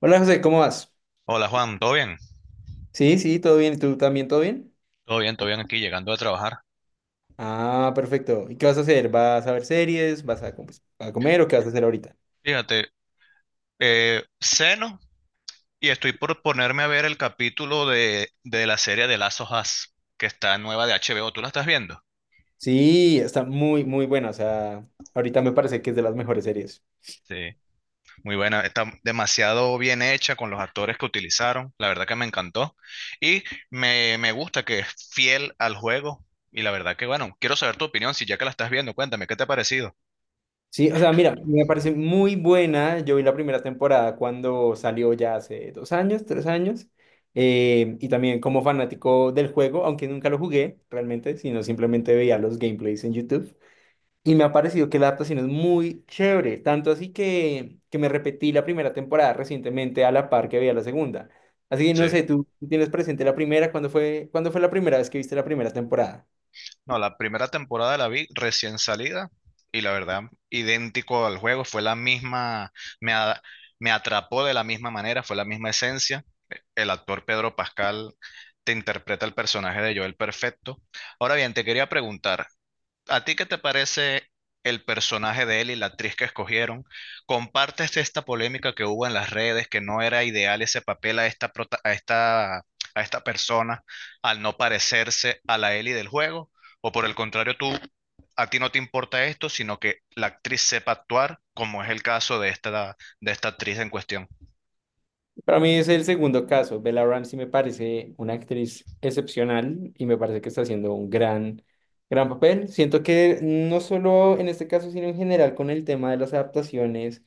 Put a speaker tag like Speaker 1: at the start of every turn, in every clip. Speaker 1: Hola José, ¿cómo vas?
Speaker 2: Hola Juan, ¿todo bien?
Speaker 1: Sí, sí, todo bien. ¿Y tú también, todo bien?
Speaker 2: Todo bien, todo bien aquí, llegando a trabajar.
Speaker 1: Ah, perfecto. ¿Y qué vas a hacer? ¿Vas a ver series? ¿Pues a comer o qué vas a hacer ahorita?
Speaker 2: Fíjate, ceno y estoy por ponerme a ver el capítulo de la serie de Last of Us, que está nueva de HBO. ¿Tú la estás viendo?
Speaker 1: Sí, está muy, muy buena. O sea, ahorita me parece que es de las mejores series.
Speaker 2: Sí, muy buena, está demasiado bien hecha con los actores que utilizaron, la verdad que me encantó. Y me gusta que es fiel al juego y la verdad que bueno, quiero saber tu opinión, si ya que la estás viendo, cuéntame, ¿qué te ha parecido?
Speaker 1: Sí, o sea, mira, me parece muy buena. Yo vi la primera temporada cuando salió ya hace dos años, tres años. Y también como fanático del juego, aunque nunca lo jugué realmente, sino simplemente veía los gameplays en YouTube. Y me ha parecido que la adaptación es muy chévere, tanto así que me repetí la primera temporada recientemente a la par que veía la segunda. Así que no
Speaker 2: Sí.
Speaker 1: sé, ¿tú tienes presente la primera? ¿Cuándo fue la primera vez que viste la primera temporada?
Speaker 2: No, la primera temporada la vi recién salida y la verdad, idéntico al juego, fue la misma, me, a- me atrapó de la misma manera, fue la misma esencia. El actor Pedro Pascal te interpreta el personaje de Joel perfecto. Ahora bien, te quería preguntar, ¿a ti qué te parece el personaje de él y la actriz que escogieron? ¿Compartes esta polémica que hubo en las redes, que no era ideal ese papel a a esta persona al no parecerse a la Ellie del juego? ¿O por el contrario, tú, a ti no te importa esto, sino que la actriz sepa actuar, como es el caso de esta actriz en cuestión?
Speaker 1: Para mí es el segundo caso. Bella Ramsey me parece una actriz excepcional y me parece que está haciendo un gran papel. Siento que no solo en este caso, sino en general con el tema de las adaptaciones.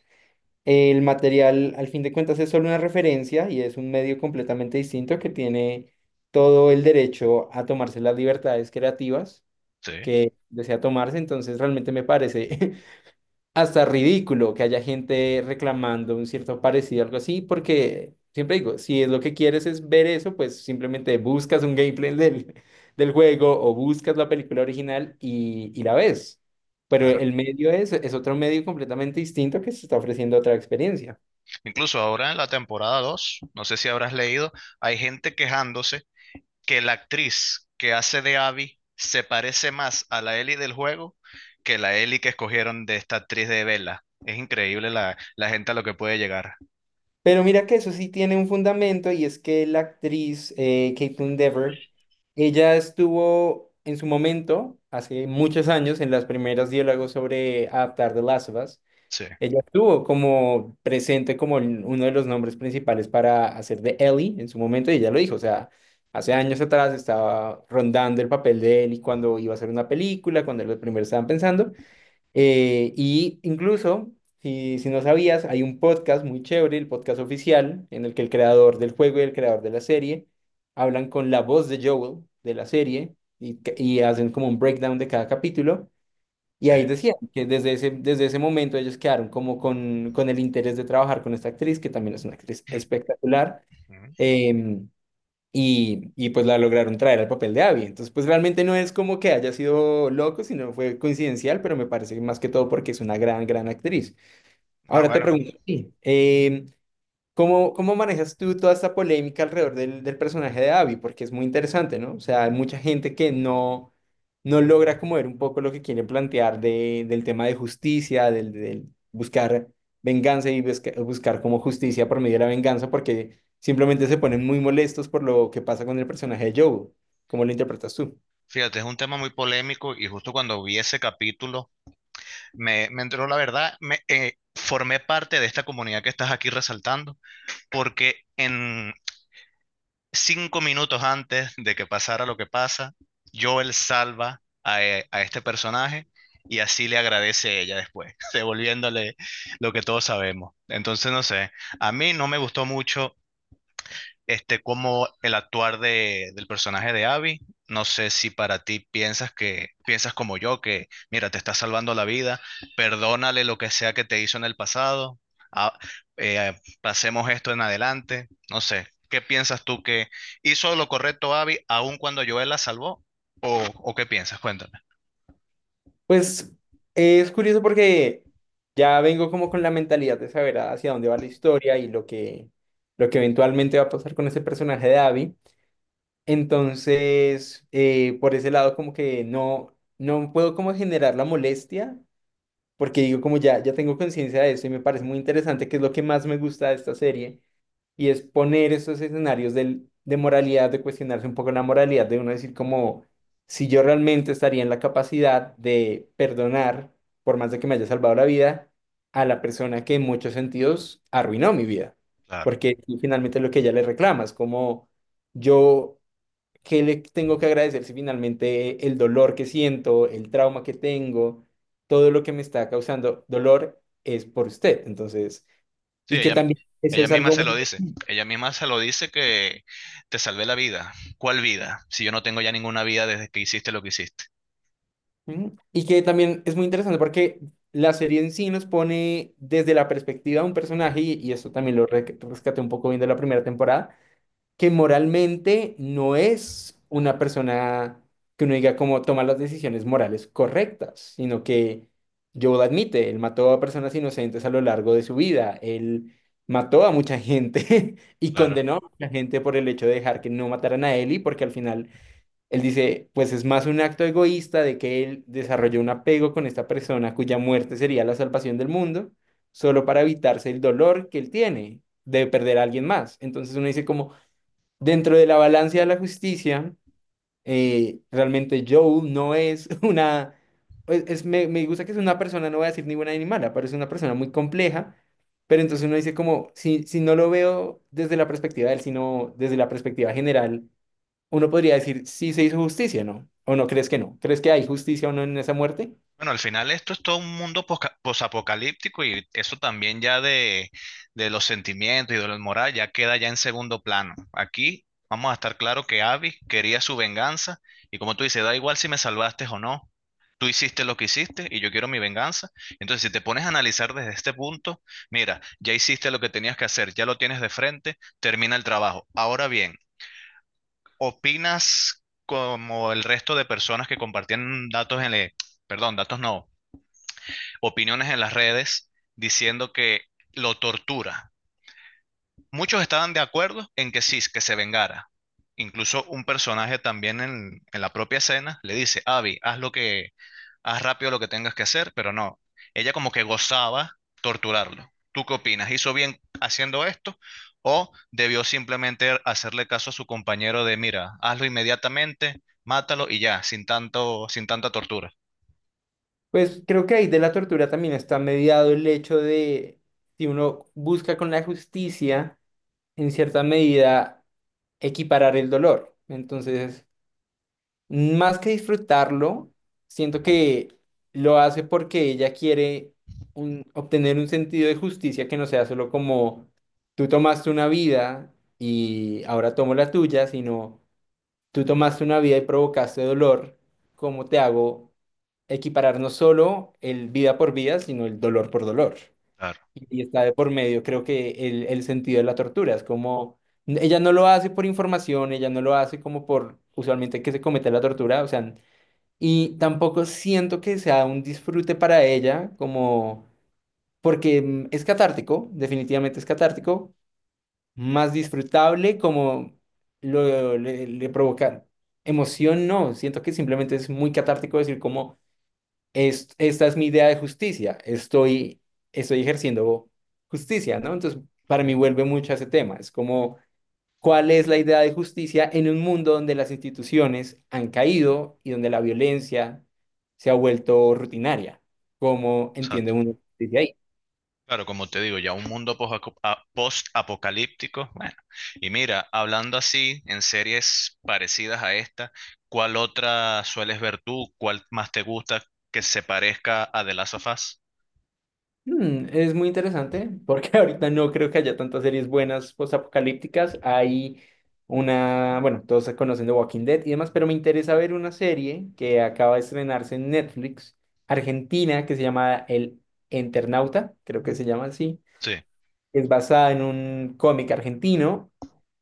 Speaker 1: El material, al fin de cuentas, es solo una referencia y es un medio completamente distinto que tiene todo el derecho a tomarse las libertades creativas
Speaker 2: Sí,
Speaker 1: que desea tomarse. Entonces, realmente me parece hasta ridículo que haya gente reclamando un cierto parecido, algo así, porque siempre digo, si es lo que quieres es ver eso, pues simplemente buscas un gameplay del juego o buscas la película original y la ves. Pero
Speaker 2: claro.
Speaker 1: el medio es otro medio completamente distinto que se está ofreciendo otra experiencia.
Speaker 2: Incluso ahora en la temporada 2 no sé si habrás leído, hay gente quejándose que la actriz que hace de Abby se parece más a la Ellie del juego que la Ellie que escogieron de esta actriz de Bella. Es increíble la gente a lo que puede llegar.
Speaker 1: Pero mira que eso sí tiene un fundamento y es que la actriz Caitlin Dever, ella estuvo en su momento, hace muchos años, en las primeras diálogos sobre adaptar The Last of Us,
Speaker 2: Sí.
Speaker 1: ella estuvo como presente como uno de los nombres principales para hacer de Ellie en su momento y ella lo dijo, o sea, hace años atrás estaba rondando el papel de Ellie cuando iba a hacer una película, cuando los primeros estaban pensando. Y incluso, si no sabías, hay un podcast muy chévere, el podcast oficial, en el que el creador del juego y el creador de la serie hablan con la voz de Joel de la serie y hacen como un breakdown de cada capítulo. Y
Speaker 2: Sí.
Speaker 1: ahí decían que desde ese momento ellos quedaron como con el interés de trabajar con esta actriz, que también es una actriz espectacular. Em, y pues la lograron traer al papel de Abby. Entonces, pues realmente no es como que haya sido loco, sino fue coincidencial, pero me parece que más que todo porque es una gran actriz.
Speaker 2: Ah,
Speaker 1: Ahora te
Speaker 2: bueno.
Speaker 1: pregunto, a ti, ¿cómo manejas tú toda esta polémica alrededor del personaje de Abby? Porque es muy interesante, ¿no? O sea, hay mucha gente que no logra como ver un poco lo que quiere plantear de, del tema de justicia, del buscar venganza y buscar como justicia por medio de la venganza, porque simplemente se ponen muy molestos por lo que pasa con el personaje de Joe. ¿Cómo lo interpretas tú?
Speaker 2: Fíjate, es un tema muy polémico y justo cuando vi ese capítulo me entró la verdad, me formé parte de esta comunidad que estás aquí resaltando, porque 5 minutos antes de que pasara lo que pasa, Joel salva a este personaje y así le agradece ella después, devolviéndole lo que todos sabemos. Entonces, no sé, a mí no me gustó mucho como el actuar del personaje de Abby. No sé si para ti piensas que piensas como yo, que mira, te está salvando la vida, perdónale lo que sea que te hizo en el pasado, ah, pasemos esto en adelante. No sé, ¿qué piensas tú que hizo lo correcto Abby aun cuando Joel la salvó? ¿O qué piensas? Cuéntame.
Speaker 1: Pues es curioso porque ya vengo como con la mentalidad de saber hacia dónde va la historia y lo que eventualmente va a pasar con ese personaje de Abby. Entonces, por ese lado como que no puedo como generar la molestia porque digo como ya tengo conciencia de eso y me parece muy interesante que es lo que más me gusta de esta serie y es poner esos escenarios de moralidad, de cuestionarse un poco la moralidad, de uno decir como, si yo realmente estaría en la capacidad de perdonar, por más de que me haya salvado la vida, a la persona que en muchos sentidos arruinó mi vida,
Speaker 2: Claro.
Speaker 1: porque tú finalmente es lo que ella le reclama es como yo, ¿qué le tengo que agradecer si finalmente el dolor que siento, el trauma que tengo, todo lo que me está causando dolor es por usted? Entonces,
Speaker 2: Sí,
Speaker 1: y que
Speaker 2: ella,
Speaker 1: también eso
Speaker 2: ella
Speaker 1: es
Speaker 2: misma
Speaker 1: algo...
Speaker 2: se lo dice.
Speaker 1: muy
Speaker 2: Ella misma se lo dice que te salvé la vida. ¿Cuál vida? Si yo no tengo ya ninguna vida desde que hiciste lo que hiciste.
Speaker 1: Ujú. Y que también es muy interesante porque la serie en sí nos pone desde la perspectiva de un personaje, y esto también lo rescaté un poco bien de la primera temporada, que moralmente no es una persona que uno diga como toma las decisiones morales correctas, sino que Joel admite, él mató a personas inocentes a lo largo de su vida, él mató a mucha gente y
Speaker 2: Claro.
Speaker 1: condenó a mucha gente por el hecho de dejar que no mataran a Ellie, porque al final él dice, pues es más un acto egoísta de que él desarrolló un apego con esta persona cuya muerte sería la salvación del mundo, solo para evitarse el dolor que él tiene de perder a alguien más. Entonces uno dice como, dentro de la balanza de la justicia, realmente Joel no es una... me gusta que es una persona, no voy a decir ni buena ni mala, pero es una persona muy compleja. Pero entonces uno dice como, si no lo veo desde la perspectiva de él, sino desde la perspectiva general uno podría decir si se hizo justicia, ¿no? ¿O no crees que no? ¿Crees que hay justicia o no en esa muerte?
Speaker 2: Bueno, al final esto es todo un mundo posapocalíptico y eso también ya de los sentimientos y de la moral ya queda ya en segundo plano. Aquí vamos a estar claro que Abby quería su venganza y como tú dices, da igual si me salvaste o no, tú hiciste lo que hiciste y yo quiero mi venganza. Entonces, si te pones a analizar desde este punto, mira, ya hiciste lo que tenías que hacer, ya lo tienes de frente, termina el trabajo. Ahora bien, ¿opinas como el resto de personas que compartían datos en el, perdón, datos no, opiniones en las redes diciendo que lo tortura? Muchos estaban de acuerdo en que sí, que se vengara. Incluso un personaje también en la propia escena le dice, Abby, haz rápido lo que tengas que hacer, pero no. Ella como que gozaba torturarlo. ¿Tú qué opinas? ¿Hizo bien haciendo esto o debió simplemente hacerle caso a su compañero de, mira, hazlo inmediatamente, mátalo y ya, sin tanto, sin tanta tortura?
Speaker 1: Pues creo que ahí de la tortura también está mediado el hecho de si uno busca con la justicia, en cierta medida, equiparar el dolor. Entonces, más que disfrutarlo, siento que lo hace porque ella quiere obtener un sentido de justicia que no sea solo como tú tomaste una vida y ahora tomo la tuya, sino tú tomaste una vida y provocaste dolor. ¿Cómo te hago equiparar no solo el vida por vida, sino el dolor por dolor?
Speaker 2: Claro.
Speaker 1: Y está de por medio, creo que el sentido de la tortura. Es como, ella no lo hace por información, ella no lo hace como por usualmente que se comete la tortura, o sea, y tampoco siento que sea un disfrute para ella, como, porque es catártico, definitivamente es catártico, más disfrutable, como le provoca emoción, no, siento que simplemente es muy catártico decir como esta es mi idea de justicia, estoy ejerciendo justicia, ¿no? Entonces, para mí vuelve mucho a ese tema, es como cuál es la idea de justicia en un mundo donde las instituciones han caído y donde la violencia se ha vuelto rutinaria, ¿cómo
Speaker 2: O sea,
Speaker 1: entiende uno justicia ahí?
Speaker 2: claro, como te digo, ya un mundo post-apocalíptico. Bueno, y mira, hablando así, en series parecidas a esta, ¿cuál otra sueles ver tú? ¿Cuál más te gusta que se parezca a The Last of Us?
Speaker 1: Es muy interesante porque ahorita no creo que haya tantas series buenas postapocalípticas. Hay una, bueno, todos se conocen de Walking Dead y demás, pero me interesa ver una serie que acaba de estrenarse en Netflix, Argentina, que se llama El Eternauta, creo que se llama así.
Speaker 2: Sí.
Speaker 1: Es basada en un cómic argentino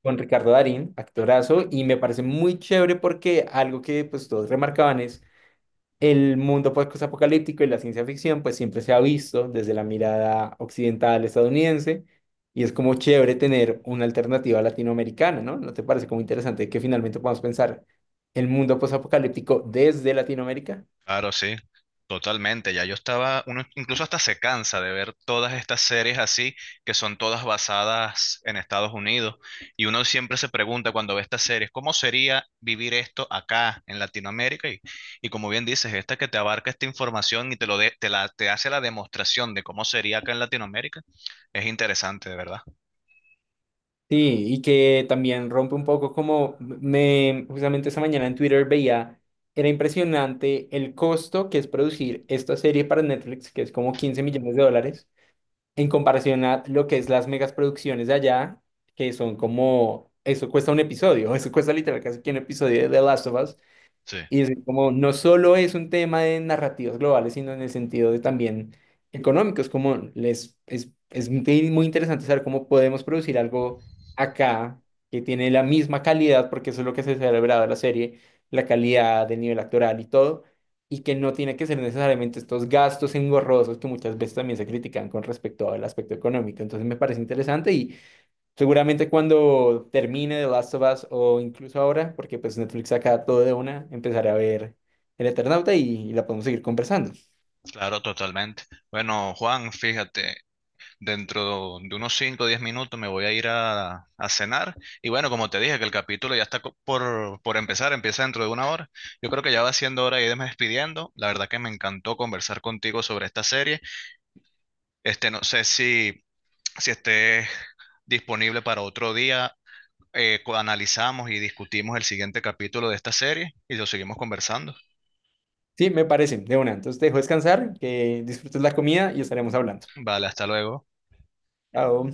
Speaker 1: con Ricardo Darín, actorazo, y me parece muy chévere porque algo que pues todos remarcaban es el mundo post-apocalíptico y la ciencia ficción, pues siempre se ha visto desde la mirada occidental estadounidense y es como chévere tener una alternativa latinoamericana, ¿no? ¿No te parece como interesante que finalmente podamos pensar el mundo post-apocalíptico desde Latinoamérica?
Speaker 2: Claro, sí, totalmente. Ya yo estaba, uno incluso hasta se cansa de ver todas estas series así, que son todas basadas en Estados Unidos. Y uno siempre se pregunta cuando ve estas series, ¿cómo sería vivir esto acá en Latinoamérica? Y como bien dices, esta que te abarca esta información y te lo de- te la, te hace la demostración de cómo sería acá en Latinoamérica, es interesante, de verdad.
Speaker 1: Sí, y que también rompe un poco justamente esta mañana en Twitter veía, era impresionante el costo que es producir esta serie para Netflix, que es como 15 millones de dólares en comparación a lo que es las megas producciones de allá, que son como, eso cuesta un episodio, eso cuesta literal casi que un episodio de The Last of Us.
Speaker 2: Sí,
Speaker 1: Y es como no solo es un tema de narrativas globales, sino en el sentido de también económicos, es muy muy interesante saber cómo podemos producir algo acá que tiene la misma calidad, porque eso es lo que se celebraba en la serie, la calidad del nivel actoral y todo, y que no tiene que ser necesariamente estos gastos engorrosos que muchas veces también se critican con respecto al aspecto económico. Entonces me parece interesante y seguramente cuando termine The Last of Us o incluso ahora, porque pues Netflix saca todo de una, empezaré a ver El Eternauta y la podemos seguir conversando.
Speaker 2: claro, totalmente. Bueno, Juan, fíjate. Dentro de unos cinco o 10 minutos me voy a ir a cenar. Y bueno, como te dije, que el capítulo ya está por empezar, empieza dentro de una hora. Yo creo que ya va siendo hora de irme despidiendo. La verdad que me encantó conversar contigo sobre esta serie. No sé si esté disponible para otro día. Analizamos y discutimos el siguiente capítulo de esta serie y lo seguimos conversando.
Speaker 1: Sí, me parece, de una. Entonces te dejo descansar, que disfrutes la comida y estaremos hablando.
Speaker 2: Vale, hasta luego.
Speaker 1: Chao.